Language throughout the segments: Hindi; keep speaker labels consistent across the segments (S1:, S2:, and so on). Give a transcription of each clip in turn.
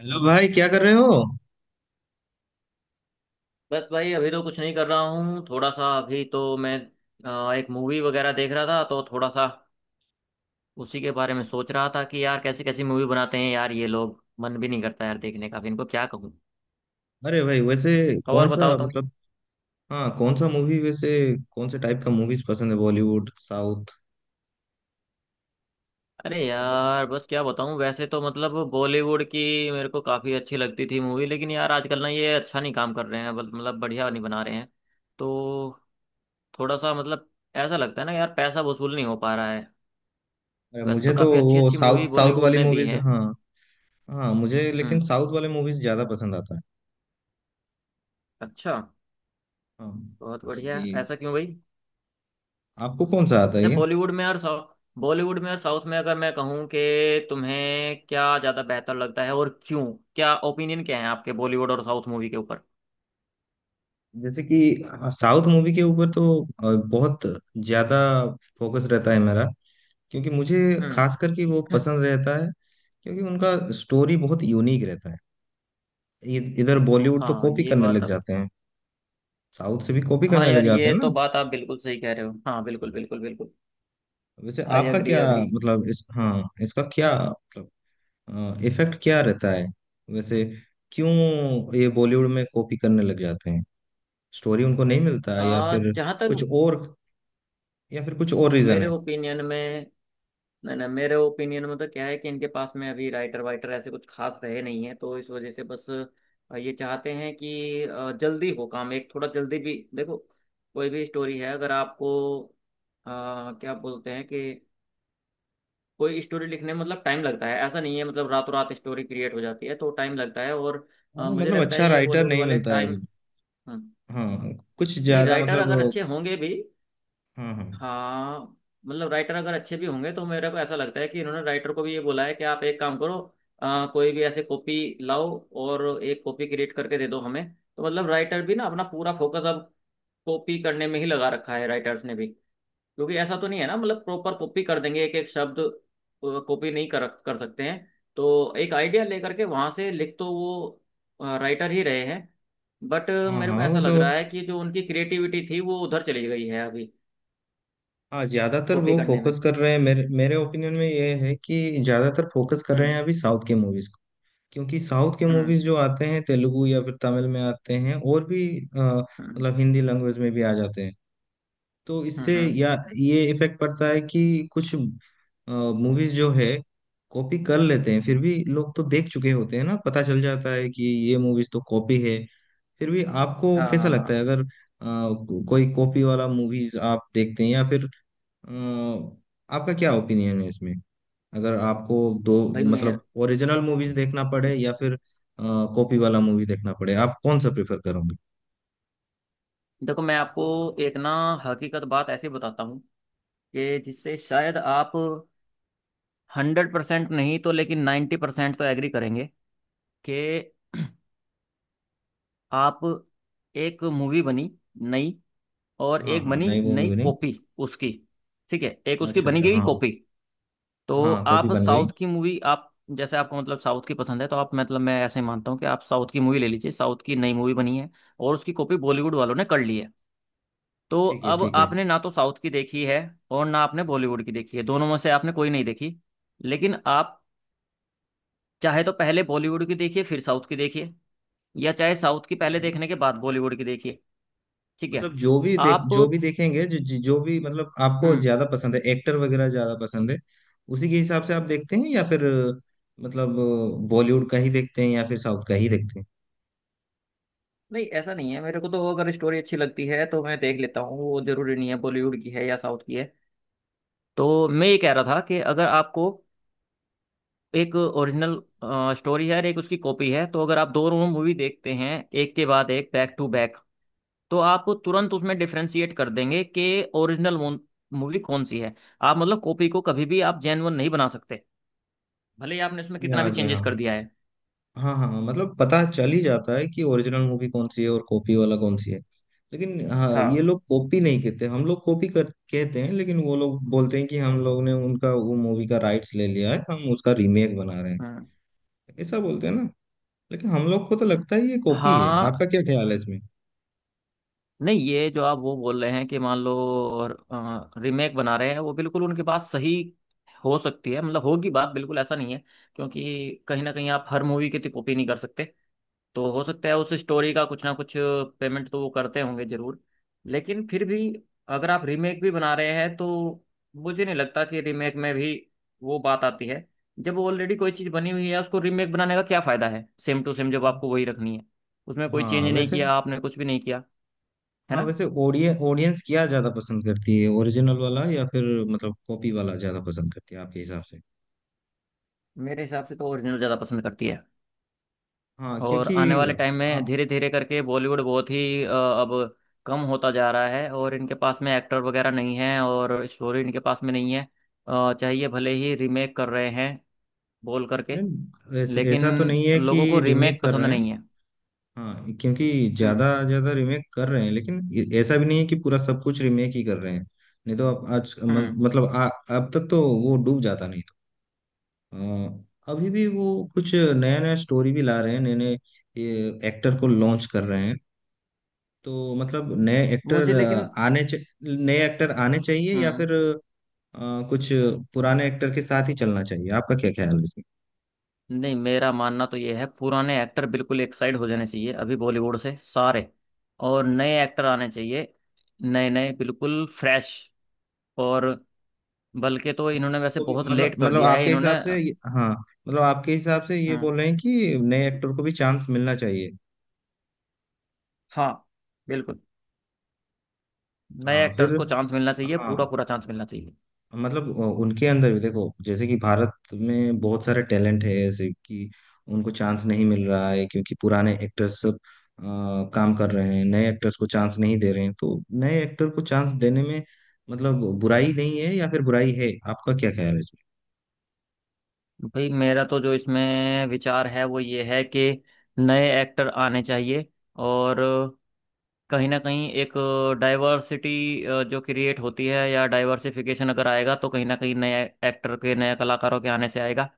S1: हेलो भाई, क्या कर रहे हो?
S2: बस भाई अभी तो कुछ नहीं कर रहा हूँ। थोड़ा सा अभी तो मैं एक मूवी वगैरह देख रहा था। तो थोड़ा सा उसी के बारे में
S1: अच्छा।
S2: सोच रहा था कि यार कैसी कैसी मूवी बनाते हैं यार ये लोग। मन भी नहीं करता यार देखने का, अब इनको क्या कहूँ।
S1: अरे भाई, वैसे
S2: और
S1: कौन
S2: बताओ
S1: सा,
S2: तुम।
S1: मतलब, हाँ, कौन सा मूवी वैसे? कौन से टाइप का मूवीज पसंद है, बॉलीवुड, साउथ?
S2: अरे
S1: मतलब,
S2: यार बस क्या बताऊँ, वैसे तो मतलब बॉलीवुड की मेरे को काफ़ी अच्छी लगती थी मूवी, लेकिन यार आजकल ना ये अच्छा नहीं काम कर रहे हैं, मतलब बढ़िया नहीं बना रहे हैं। तो थोड़ा सा मतलब ऐसा लगता है ना यार, पैसा वसूल नहीं हो पा रहा है।
S1: अरे,
S2: वैसे
S1: मुझे
S2: तो
S1: तो
S2: काफ़ी अच्छी
S1: वो
S2: अच्छी
S1: साउथ
S2: मूवी
S1: साउथ
S2: बॉलीवुड
S1: वाली
S2: ने दी
S1: मूवीज।
S2: है।
S1: हाँ। हाँ मुझे
S2: हम्म।
S1: लेकिन साउथ वाले मूवीज ज्यादा पसंद आता है।
S2: अच्छा,
S1: हाँ,
S2: बहुत
S1: क्योंकि
S2: बढ़िया, ऐसा क्यों भाई।
S1: आपको कौन सा आता है
S2: अच्छा
S1: ये?
S2: बॉलीवुड में और साउथ, बॉलीवुड में और साउथ में अगर मैं कहूँ कि तुम्हें क्या ज़्यादा बेहतर लगता है और क्यों। क्या ओपिनियन क्या है आपके बॉलीवुड और साउथ मूवी के ऊपर।
S1: जैसे कि साउथ मूवी के ऊपर तो बहुत ज्यादा फोकस रहता है मेरा, क्योंकि मुझे
S2: हम्म।
S1: खास करके वो पसंद रहता है, क्योंकि उनका स्टोरी बहुत यूनिक रहता है। इधर बॉलीवुड तो
S2: हाँ
S1: कॉपी
S2: ये
S1: करने
S2: बात
S1: लग
S2: आप।
S1: जाते हैं, साउथ से भी कॉपी
S2: हाँ
S1: करने लग
S2: यार,
S1: जाते
S2: ये
S1: हैं
S2: तो
S1: ना।
S2: बात आप बिल्कुल सही कह रहे हो। हाँ बिल्कुल बिल्कुल बिल्कुल।
S1: वैसे
S2: आई
S1: आपका
S2: अग्री
S1: क्या?
S2: अग्री।
S1: मतलब इस हाँ, इसका क्या मतलब? इफेक्ट क्या रहता है वैसे? क्यों ये बॉलीवुड में कॉपी करने लग जाते हैं? स्टोरी उनको नहीं मिलता है या
S2: आ
S1: फिर
S2: जहाँ
S1: कुछ
S2: तक
S1: और? या फिर कुछ और रीजन
S2: मेरे
S1: है?
S2: ओपिनियन में, नहीं नहीं, मेरे ओपिनियन में तो क्या है कि इनके पास में अभी राइटर वाइटर ऐसे कुछ खास रहे नहीं है, तो इस वजह से बस ये चाहते हैं कि जल्दी हो काम, एक थोड़ा जल्दी भी देखो। कोई भी स्टोरी है अगर आपको अ, क्या बोलते हैं कि कोई स्टोरी लिखने में मतलब टाइम लगता है, ऐसा नहीं है मतलब रातों रात स्टोरी क्रिएट हो जाती है, तो टाइम लगता है। और
S1: हाँ,
S2: मुझे
S1: मतलब
S2: लगता
S1: अच्छा
S2: है ये
S1: राइटर
S2: बॉलीवुड
S1: नहीं
S2: वाले
S1: मिलता है
S2: टाइम,
S1: अभी। हाँ, कुछ
S2: नहीं
S1: ज्यादा
S2: राइटर अगर
S1: मतलब।
S2: अच्छे होंगे भी,
S1: हाँ हाँ।
S2: हाँ मतलब राइटर अगर अच्छे भी होंगे तो मेरे को ऐसा लगता है कि इन्होंने राइटर को भी ये बोला है कि आप एक काम करो, कोई भी ऐसे कॉपी लाओ और एक कॉपी क्रिएट करके दे दो हमें। तो मतलब राइटर भी ना अपना पूरा फोकस अब कॉपी करने में ही लगा रखा है, राइटर्स ने भी। क्योंकि ऐसा तो नहीं है ना मतलब प्रॉपर कॉपी कर देंगे एक एक शब्द, कॉपी नहीं कर कर सकते हैं। तो एक आइडिया लेकर के वहां से लिख तो वो राइटर ही रहे हैं। बट
S1: हाँ।
S2: मेरे को
S1: हाँ वो
S2: ऐसा लग रहा
S1: तो।
S2: है कि जो उनकी क्रिएटिविटी थी वो उधर चली गई है अभी,
S1: हाँ, ज्यादातर
S2: कॉपी
S1: वो
S2: करने में।
S1: फोकस कर रहे हैं, मेरे मेरे ओपिनियन में ये है कि ज्यादातर फोकस कर रहे
S2: हम्म।
S1: हैं अभी साउथ की मूवीज। क्योंकि साउथ के
S2: हम्म।
S1: मूवीज जो आते हैं तेलुगु या फिर तमिल में आते हैं, और भी
S2: हम्म।
S1: मतलब हिंदी लैंग्वेज में भी आ जाते हैं। तो
S2: हम्म।
S1: इससे या ये इफेक्ट पड़ता है कि कुछ मूवीज जो है कॉपी कर लेते हैं, फिर भी लोग तो देख चुके होते हैं ना, पता चल जाता है कि ये मूवीज तो कॉपी है। फिर भी आपको
S2: हाँ हाँ
S1: कैसा
S2: हाँ।
S1: लगता है
S2: हाँ।
S1: अगर कोई कॉपी वाला मूवीज आप देखते हैं या फिर? अ, आपका क्या ओपिनियन है इसमें? अगर आपको दो,
S2: भाई
S1: मतलब
S2: मेर
S1: ओरिजिनल मूवीज देखना पड़े या फिर कॉपी वाला मूवी देखना पड़े, आप कौन सा प्रेफर करोगे?
S2: देखो मैं आपको एक ना हकीकत बात ऐसी बताता हूँ, कि जिससे शायद आप 100% नहीं तो लेकिन 90% तो एग्री करेंगे, कि आप एक मूवी बनी नई, और
S1: हाँ
S2: एक
S1: हाँ,
S2: बनी
S1: नई
S2: नई
S1: मूवी नहीं।
S2: कॉपी उसकी, ठीक है, एक उसकी
S1: अच्छा
S2: बनी
S1: अच्छा,
S2: गई
S1: हाँ।
S2: कॉपी। तो
S1: हाँ, कॉपी
S2: आप
S1: बन गई।
S2: साउथ की मूवी आप, जैसे आपको मतलब साउथ की पसंद है, तो आप मतलब मैं ऐसे ही मानता हूँ कि आप साउथ की मूवी ले लीजिए, साउथ की नई मूवी बनी है और उसकी कॉपी बॉलीवुड वालों ने कर ली है। तो
S1: ठीक है,
S2: अब
S1: ठीक है।
S2: आपने ना तो साउथ की देखी है और ना आपने बॉलीवुड की देखी है, दोनों में से आपने कोई नहीं देखी। लेकिन आप चाहे तो पहले बॉलीवुड की देखिए फिर साउथ की देखिए, या चाहे साउथ की पहले देखने के बाद बॉलीवुड की देखिए। ठीक है।
S1: मतलब
S2: आप।
S1: जो भी देखेंगे, जो जो भी मतलब आपको
S2: हम्म।
S1: ज्यादा पसंद है, एक्टर वगैरह ज्यादा पसंद है, उसी के हिसाब से आप देखते हैं या फिर मतलब बॉलीवुड का ही देखते हैं या फिर साउथ का ही देखते हैं?
S2: नहीं ऐसा नहीं है, मेरे को तो अगर स्टोरी अच्छी लगती है तो मैं देख लेता हूँ, वो जरूरी नहीं है बॉलीवुड की है या साउथ की है। तो मैं ये कह रहा था कि अगर आपको एक ओरिजिनल स्टोरी है और एक उसकी कॉपी है, तो अगर आप दोनों मूवी देखते हैं, एक के बाद एक, बैक टू बैक, तो आप तुरंत उसमें डिफ्रेंशिएट कर देंगे कि ओरिजिनल मूवी कौन सी है। आप मतलब कॉपी को कभी भी आप जेन्युइन नहीं बना सकते, भले ही आपने उसमें
S1: जी
S2: कितना
S1: हाँ,
S2: भी
S1: जी
S2: चेंजेस
S1: हाँ।
S2: कर दिया है।
S1: हाँ हाँ, मतलब पता चल ही जाता है कि ओरिजिनल मूवी कौन सी है और कॉपी वाला कौन सी है। लेकिन हाँ, ये
S2: हाँ।
S1: लोग कॉपी नहीं कहते, हम लोग कॉपी कर कहते हैं, लेकिन वो लोग बोलते हैं कि हम लोग ने उनका वो मूवी का राइट्स ले लिया है, हम उसका रीमेक बना रहे हैं।
S2: हम्म।
S1: ऐसा बोलते हैं ना। लेकिन हम लोग को तो लगता है ये कॉपी है, आपका
S2: हाँ।
S1: क्या ख्याल है इसमें?
S2: नहीं ये जो आप वो बोल रहे हैं कि मान लो रीमेक बना रहे हैं, वो बिल्कुल उनके पास सही हो सकती है, मतलब होगी बात, बिल्कुल ऐसा नहीं है, क्योंकि कहीं ना कहीं आप हर मूवी की तो कॉपी नहीं कर सकते। तो हो सकता है उस स्टोरी का कुछ ना कुछ पेमेंट तो वो करते होंगे जरूर, लेकिन फिर भी अगर आप रीमेक भी बना रहे हैं, तो मुझे नहीं लगता कि रीमेक में भी वो बात आती है। जब ऑलरेडी कोई चीज़ बनी हुई है, उसको रीमेक बनाने का क्या फ़ायदा है, सेम टू सेम जब आपको वही रखनी है, उसमें कोई चेंज
S1: हाँ
S2: नहीं
S1: वैसे।
S2: किया आपने, कुछ भी नहीं किया, है
S1: हाँ
S2: ना।
S1: वैसे, ऑडियंस ऑडियंस क्या ज्यादा पसंद करती है, ओरिजिनल वाला या फिर मतलब कॉपी वाला ज्यादा पसंद करती है, आपके हिसाब से?
S2: मेरे हिसाब से तो ओरिजिनल ज़्यादा पसंद करती है।
S1: हाँ,
S2: और
S1: क्योंकि
S2: आने वाले टाइम में धीरे धीरे करके बॉलीवुड बहुत ही अब कम होता जा रहा है, और इनके पास में एक्टर वगैरह नहीं है और स्टोरी इनके पास में नहीं है, चाहिए भले ही रीमेक कर रहे हैं बोल करके,
S1: नहीं, ऐसा
S2: लेकिन
S1: ऐसा तो नहीं है कि
S2: लोगों को
S1: रीमेक
S2: रीमेक
S1: कर
S2: पसंद
S1: रहे हैं।
S2: नहीं है।
S1: हाँ, क्योंकि ज्यादा
S2: हम्म।
S1: ज्यादा रीमेक कर रहे हैं, लेकिन ऐसा भी नहीं है कि पूरा सब कुछ रीमेक ही कर रहे हैं। नहीं तो अब आज
S2: हम्म।
S1: मतलब अब तक तो वो डूब जाता नहीं था। अ, अभी भी वो कुछ नया नया स्टोरी भी ला रहे हैं, नए नए एक्टर को लॉन्च कर रहे हैं। तो मतलब नए एक्टर
S2: मुझे लेकिन।
S1: आने च, नए एक्टर आने चाहिए या
S2: हम्म।
S1: फिर अ, कुछ पुराने एक्टर के साथ ही चलना चाहिए? आपका क्या ख्याल है?
S2: नहीं मेरा मानना तो ये है, पुराने एक्टर बिल्कुल एक साइड हो जाने चाहिए अभी बॉलीवुड से सारे, और नए एक्टर आने चाहिए, नए नए बिल्कुल फ्रेश, और बल्कि तो
S1: मतलब
S2: इन्होंने वैसे
S1: को भी
S2: बहुत
S1: मतलब
S2: लेट कर दिया है
S1: आपके
S2: इन्होंने।
S1: हिसाब से हाँ, मतलब आपके हिसाब से ये
S2: हम्म।
S1: बोल रहे हैं कि नए एक्टर को भी चांस मिलना चाहिए?
S2: हाँ। बिल्कुल। नए
S1: हाँ
S2: एक्टर्स
S1: फिर
S2: को चांस मिलना चाहिए, पूरा
S1: हाँ,
S2: पूरा चांस मिलना चाहिए।
S1: मतलब उनके अंदर भी देखो, जैसे कि भारत में बहुत सारे टैलेंट है, ऐसे कि उनको चांस नहीं मिल रहा है क्योंकि पुराने एक्टर्स सब अ, काम कर रहे हैं, नए एक्टर्स को चांस नहीं दे रहे हैं। तो नए एक्टर को चांस देने में मतलब बुराई नहीं है या फिर बुराई है? आपका क्या ख्याल है इसमें?
S2: भाई मेरा तो जो इसमें विचार है वो ये है कि नए एक्टर आने चाहिए, और कहीं ना कहीं एक डाइवर्सिटी जो क्रिएट होती है, या डाइवर्सिफिकेशन अगर आएगा, तो कहीं ना कहीं नए एक्टर के, नए कलाकारों के आने से आएगा।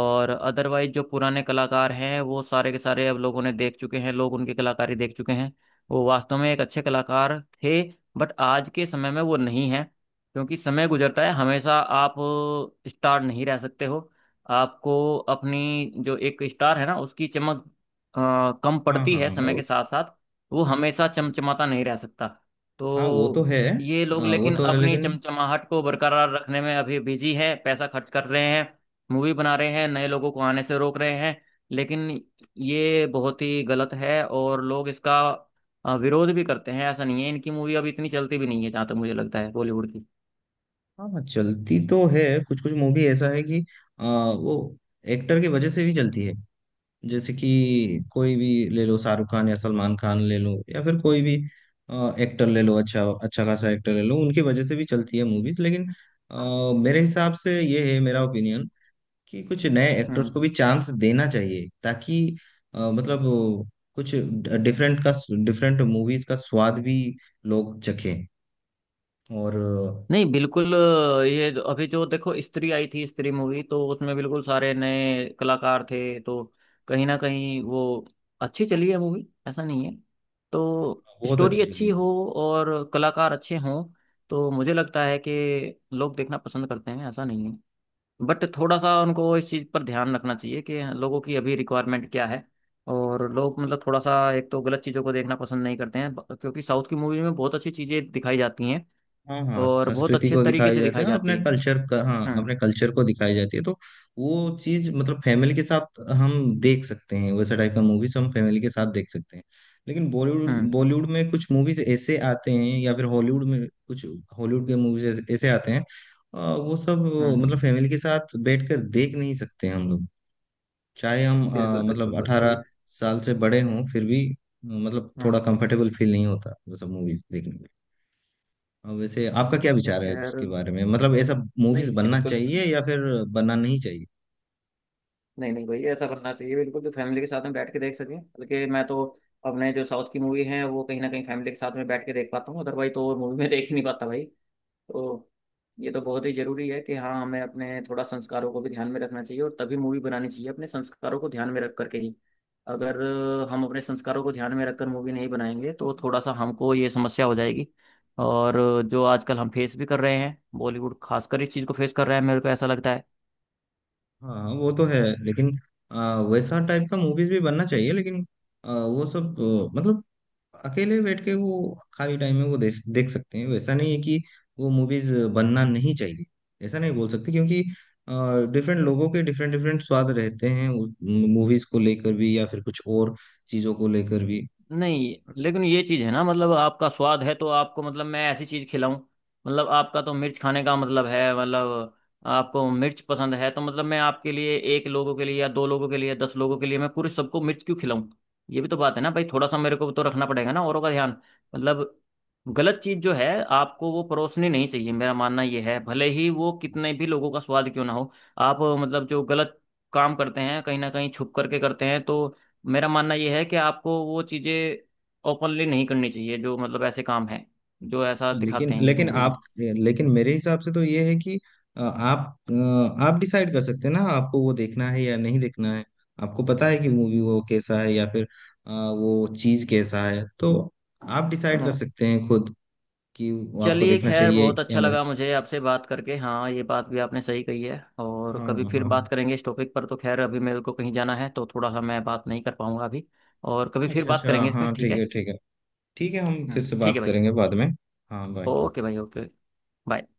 S2: और अदरवाइज जो पुराने कलाकार हैं वो सारे के सारे अब लोगों ने देख चुके हैं, लोग उनकी कलाकारी देख चुके हैं। वो वास्तव में एक अच्छे कलाकार थे, बट आज के समय में वो नहीं है, क्योंकि समय गुजरता है। हमेशा आप स्टार नहीं रह सकते हो, आपको अपनी जो एक स्टार है ना उसकी चमक कम
S1: हाँ
S2: पड़ती
S1: हाँ
S2: है समय के
S1: और-
S2: साथ साथ। वो हमेशा चमचमाता नहीं रह सकता।
S1: हाँ वो तो
S2: तो
S1: है।
S2: ये लोग
S1: वो
S2: लेकिन
S1: तो है
S2: अपनी
S1: लेकिन।
S2: चमचमाहट को बरकरार रखने में अभी बिजी है, पैसा खर्च कर रहे हैं, मूवी बना रहे हैं, नए लोगों को आने से रोक रहे हैं, लेकिन ये बहुत ही गलत है। और लोग इसका विरोध भी करते हैं, ऐसा नहीं है इनकी मूवी अब इतनी चलती भी नहीं है जहाँ तक मुझे लगता है बॉलीवुड
S1: हाँ हाँ, चलती तो है। कुछ कुछ मूवी ऐसा है कि आ, वो एक्टर की वजह से भी चलती है। जैसे कि कोई भी ले लो, शाहरुख खान या सलमान खान ले लो या फिर कोई भी एक्टर ले लो, अच्छा अच्छा खासा एक्टर ले लो, उनकी वजह से भी चलती है मूवीज। लेकिन मेरे हिसाब से ये है मेरा ओपिनियन, कि कुछ नए एक्टर्स
S2: की।
S1: को भी चांस देना चाहिए, ताकि मतलब वो कुछ डिफरेंट का, डिफरेंट मूवीज का स्वाद भी लोग चखें। और
S2: नहीं बिल्कुल अभी जो देखो स्त्री आई थी, स्त्री मूवी, तो उसमें बिल्कुल सारे नए कलाकार थे, तो कहीं ना कहीं वो अच्छी चली है मूवी, ऐसा नहीं है। तो
S1: बहुत
S2: स्टोरी
S1: अच्छी चली
S2: अच्छी
S1: है।
S2: हो और कलाकार अच्छे हों, तो मुझे लगता है कि लोग देखना पसंद करते हैं, ऐसा नहीं है। बट थोड़ा सा उनको इस चीज़ पर ध्यान रखना चाहिए कि लोगों की अभी रिक्वायरमेंट क्या है, और लोग मतलब थोड़ा सा एक तो गलत चीज़ों को देखना पसंद नहीं करते हैं, क्योंकि साउथ की मूवी में बहुत अच्छी चीज़ें दिखाई जाती हैं,
S1: हाँ हाँ,
S2: और बहुत
S1: संस्कृति
S2: अच्छे
S1: को
S2: तरीके
S1: दिखाई
S2: से
S1: जाती
S2: दिखाई
S1: है, अपने
S2: जाती है।
S1: कल्चर का, हाँ, अपने
S2: हम्म।
S1: कल्चर को दिखाई जाती है। तो वो चीज मतलब फैमिली के साथ हम देख सकते हैं, वैसे टाइप का मूवीज हम फैमिली के साथ देख सकते हैं। लेकिन बॉलीवुड
S2: हम्म।
S1: बॉलीवुड में कुछ मूवीज ऐसे आते हैं या फिर हॉलीवुड में कुछ, हॉलीवुड के मूवीज ऐसे आते हैं। वो सब मतलब
S2: हम्म।
S1: फैमिली के साथ बैठ कर देख नहीं सकते हम लोग। चाहे हम
S2: बिल्कुल बिल्कुल,
S1: मतलब
S2: बस वही।
S1: 18 साल से बड़े हों, फिर भी मतलब
S2: हम्म।
S1: थोड़ा कंफर्टेबल फील नहीं होता वो सब मूवीज देखने में। और वैसे आपका क्या
S2: तो
S1: विचार है
S2: खैर,
S1: इसके बारे में, मतलब ऐसा मूवीज
S2: नहीं
S1: बनना
S2: बिल्कुल,
S1: चाहिए या फिर बनना नहीं चाहिए?
S2: नहीं नहीं भाई ऐसा करना चाहिए बिल्कुल, जो फैमिली के साथ में बैठ के देख सकें, बल्कि मैं तो अपने जो साउथ की मूवी है वो कहीं ना कहीं फैमिली के साथ में बैठ के देख पाता हूँ, अदरवाइज तो मूवी में देख ही नहीं पाता भाई। तो ये तो बहुत ही जरूरी है कि हाँ, हमें अपने थोड़ा संस्कारों को भी ध्यान में रखना चाहिए, और तभी मूवी बनानी चाहिए, अपने संस्कारों को ध्यान में रख करके ही। अगर हम अपने संस्कारों को ध्यान में रखकर मूवी नहीं बनाएंगे, तो थोड़ा सा हमको ये समस्या हो जाएगी, और जो आजकल हम फेस भी कर रहे हैं, बॉलीवुड खासकर इस चीज़ को फेस कर रहा है, मेरे को ऐसा लगता है।
S1: हाँ हाँ, वो तो है लेकिन वैसा टाइप का मूवीज भी बनना चाहिए, लेकिन वो सब मतलब अकेले बैठ के वो, खाली टाइम में वो देख देख सकते हैं। वैसा नहीं है कि वो मूवीज बनना नहीं चाहिए, ऐसा नहीं बोल सकते, क्योंकि डिफरेंट लोगों के डिफरेंट डिफरेंट स्वाद रहते हैं मूवीज को लेकर भी या फिर कुछ और चीजों को लेकर भी।
S2: नहीं, लेकिन ये चीज है ना मतलब आपका स्वाद है, तो आपको मतलब मैं ऐसी चीज खिलाऊं, मतलब आपका तो मिर्च खाने का मतलब है, मतलब आपको मिर्च पसंद है, तो मतलब मैं आपके लिए, एक लोगों के लिए या दो लोगों के लिए 10 लोगों के लिए मैं पूरे सबको मिर्च क्यों खिलाऊं। ये भी तो बात है ना भाई, थोड़ा सा मेरे को तो रखना पड़ेगा ना औरों का ध्यान, मतलब गलत चीज जो है आपको वो परोसनी नहीं चाहिए, मेरा मानना ये है, भले ही वो कितने भी लोगों का स्वाद क्यों ना हो। आप मतलब जो गलत काम करते हैं कहीं ना कहीं छुप करके करते हैं, तो मेरा मानना यह है कि आपको वो चीज़ें ओपनली नहीं करनी चाहिए, जो मतलब ऐसे काम हैं जो ऐसा
S1: हाँ, लेकिन
S2: दिखाते हैं ये
S1: लेकिन
S2: मूवी में।
S1: आप लेकिन मेरे हिसाब से तो ये है कि आप, आप डिसाइड कर सकते हैं ना आपको वो देखना है या नहीं देखना है। आपको पता है कि मूवी वो कैसा है या फिर वो चीज कैसा है, तो आप डिसाइड
S2: सुनो,
S1: कर सकते हैं खुद कि वो आपको
S2: चलिए
S1: देखना
S2: खैर,
S1: चाहिए
S2: बहुत
S1: या
S2: अच्छा
S1: नहीं।
S2: लगा मुझे आपसे बात करके, हाँ ये बात भी आपने सही कही है, और
S1: हाँ
S2: कभी फिर
S1: हाँ।
S2: बात करेंगे इस टॉपिक पर, तो खैर अभी मेरे को कहीं जाना है, तो थोड़ा सा मैं बात नहीं कर पाऊंगा अभी, और कभी फिर
S1: अच्छा
S2: बात
S1: अच्छा,
S2: करेंगे इस पर,
S1: हाँ,
S2: ठीक
S1: ठीक है,
S2: है।
S1: ठीक है। ठीक है, हम फिर से
S2: ठीक
S1: बात
S2: है भाई।
S1: करेंगे बाद में। हाँ, बाय।
S2: ओके भाई ओके। बाय।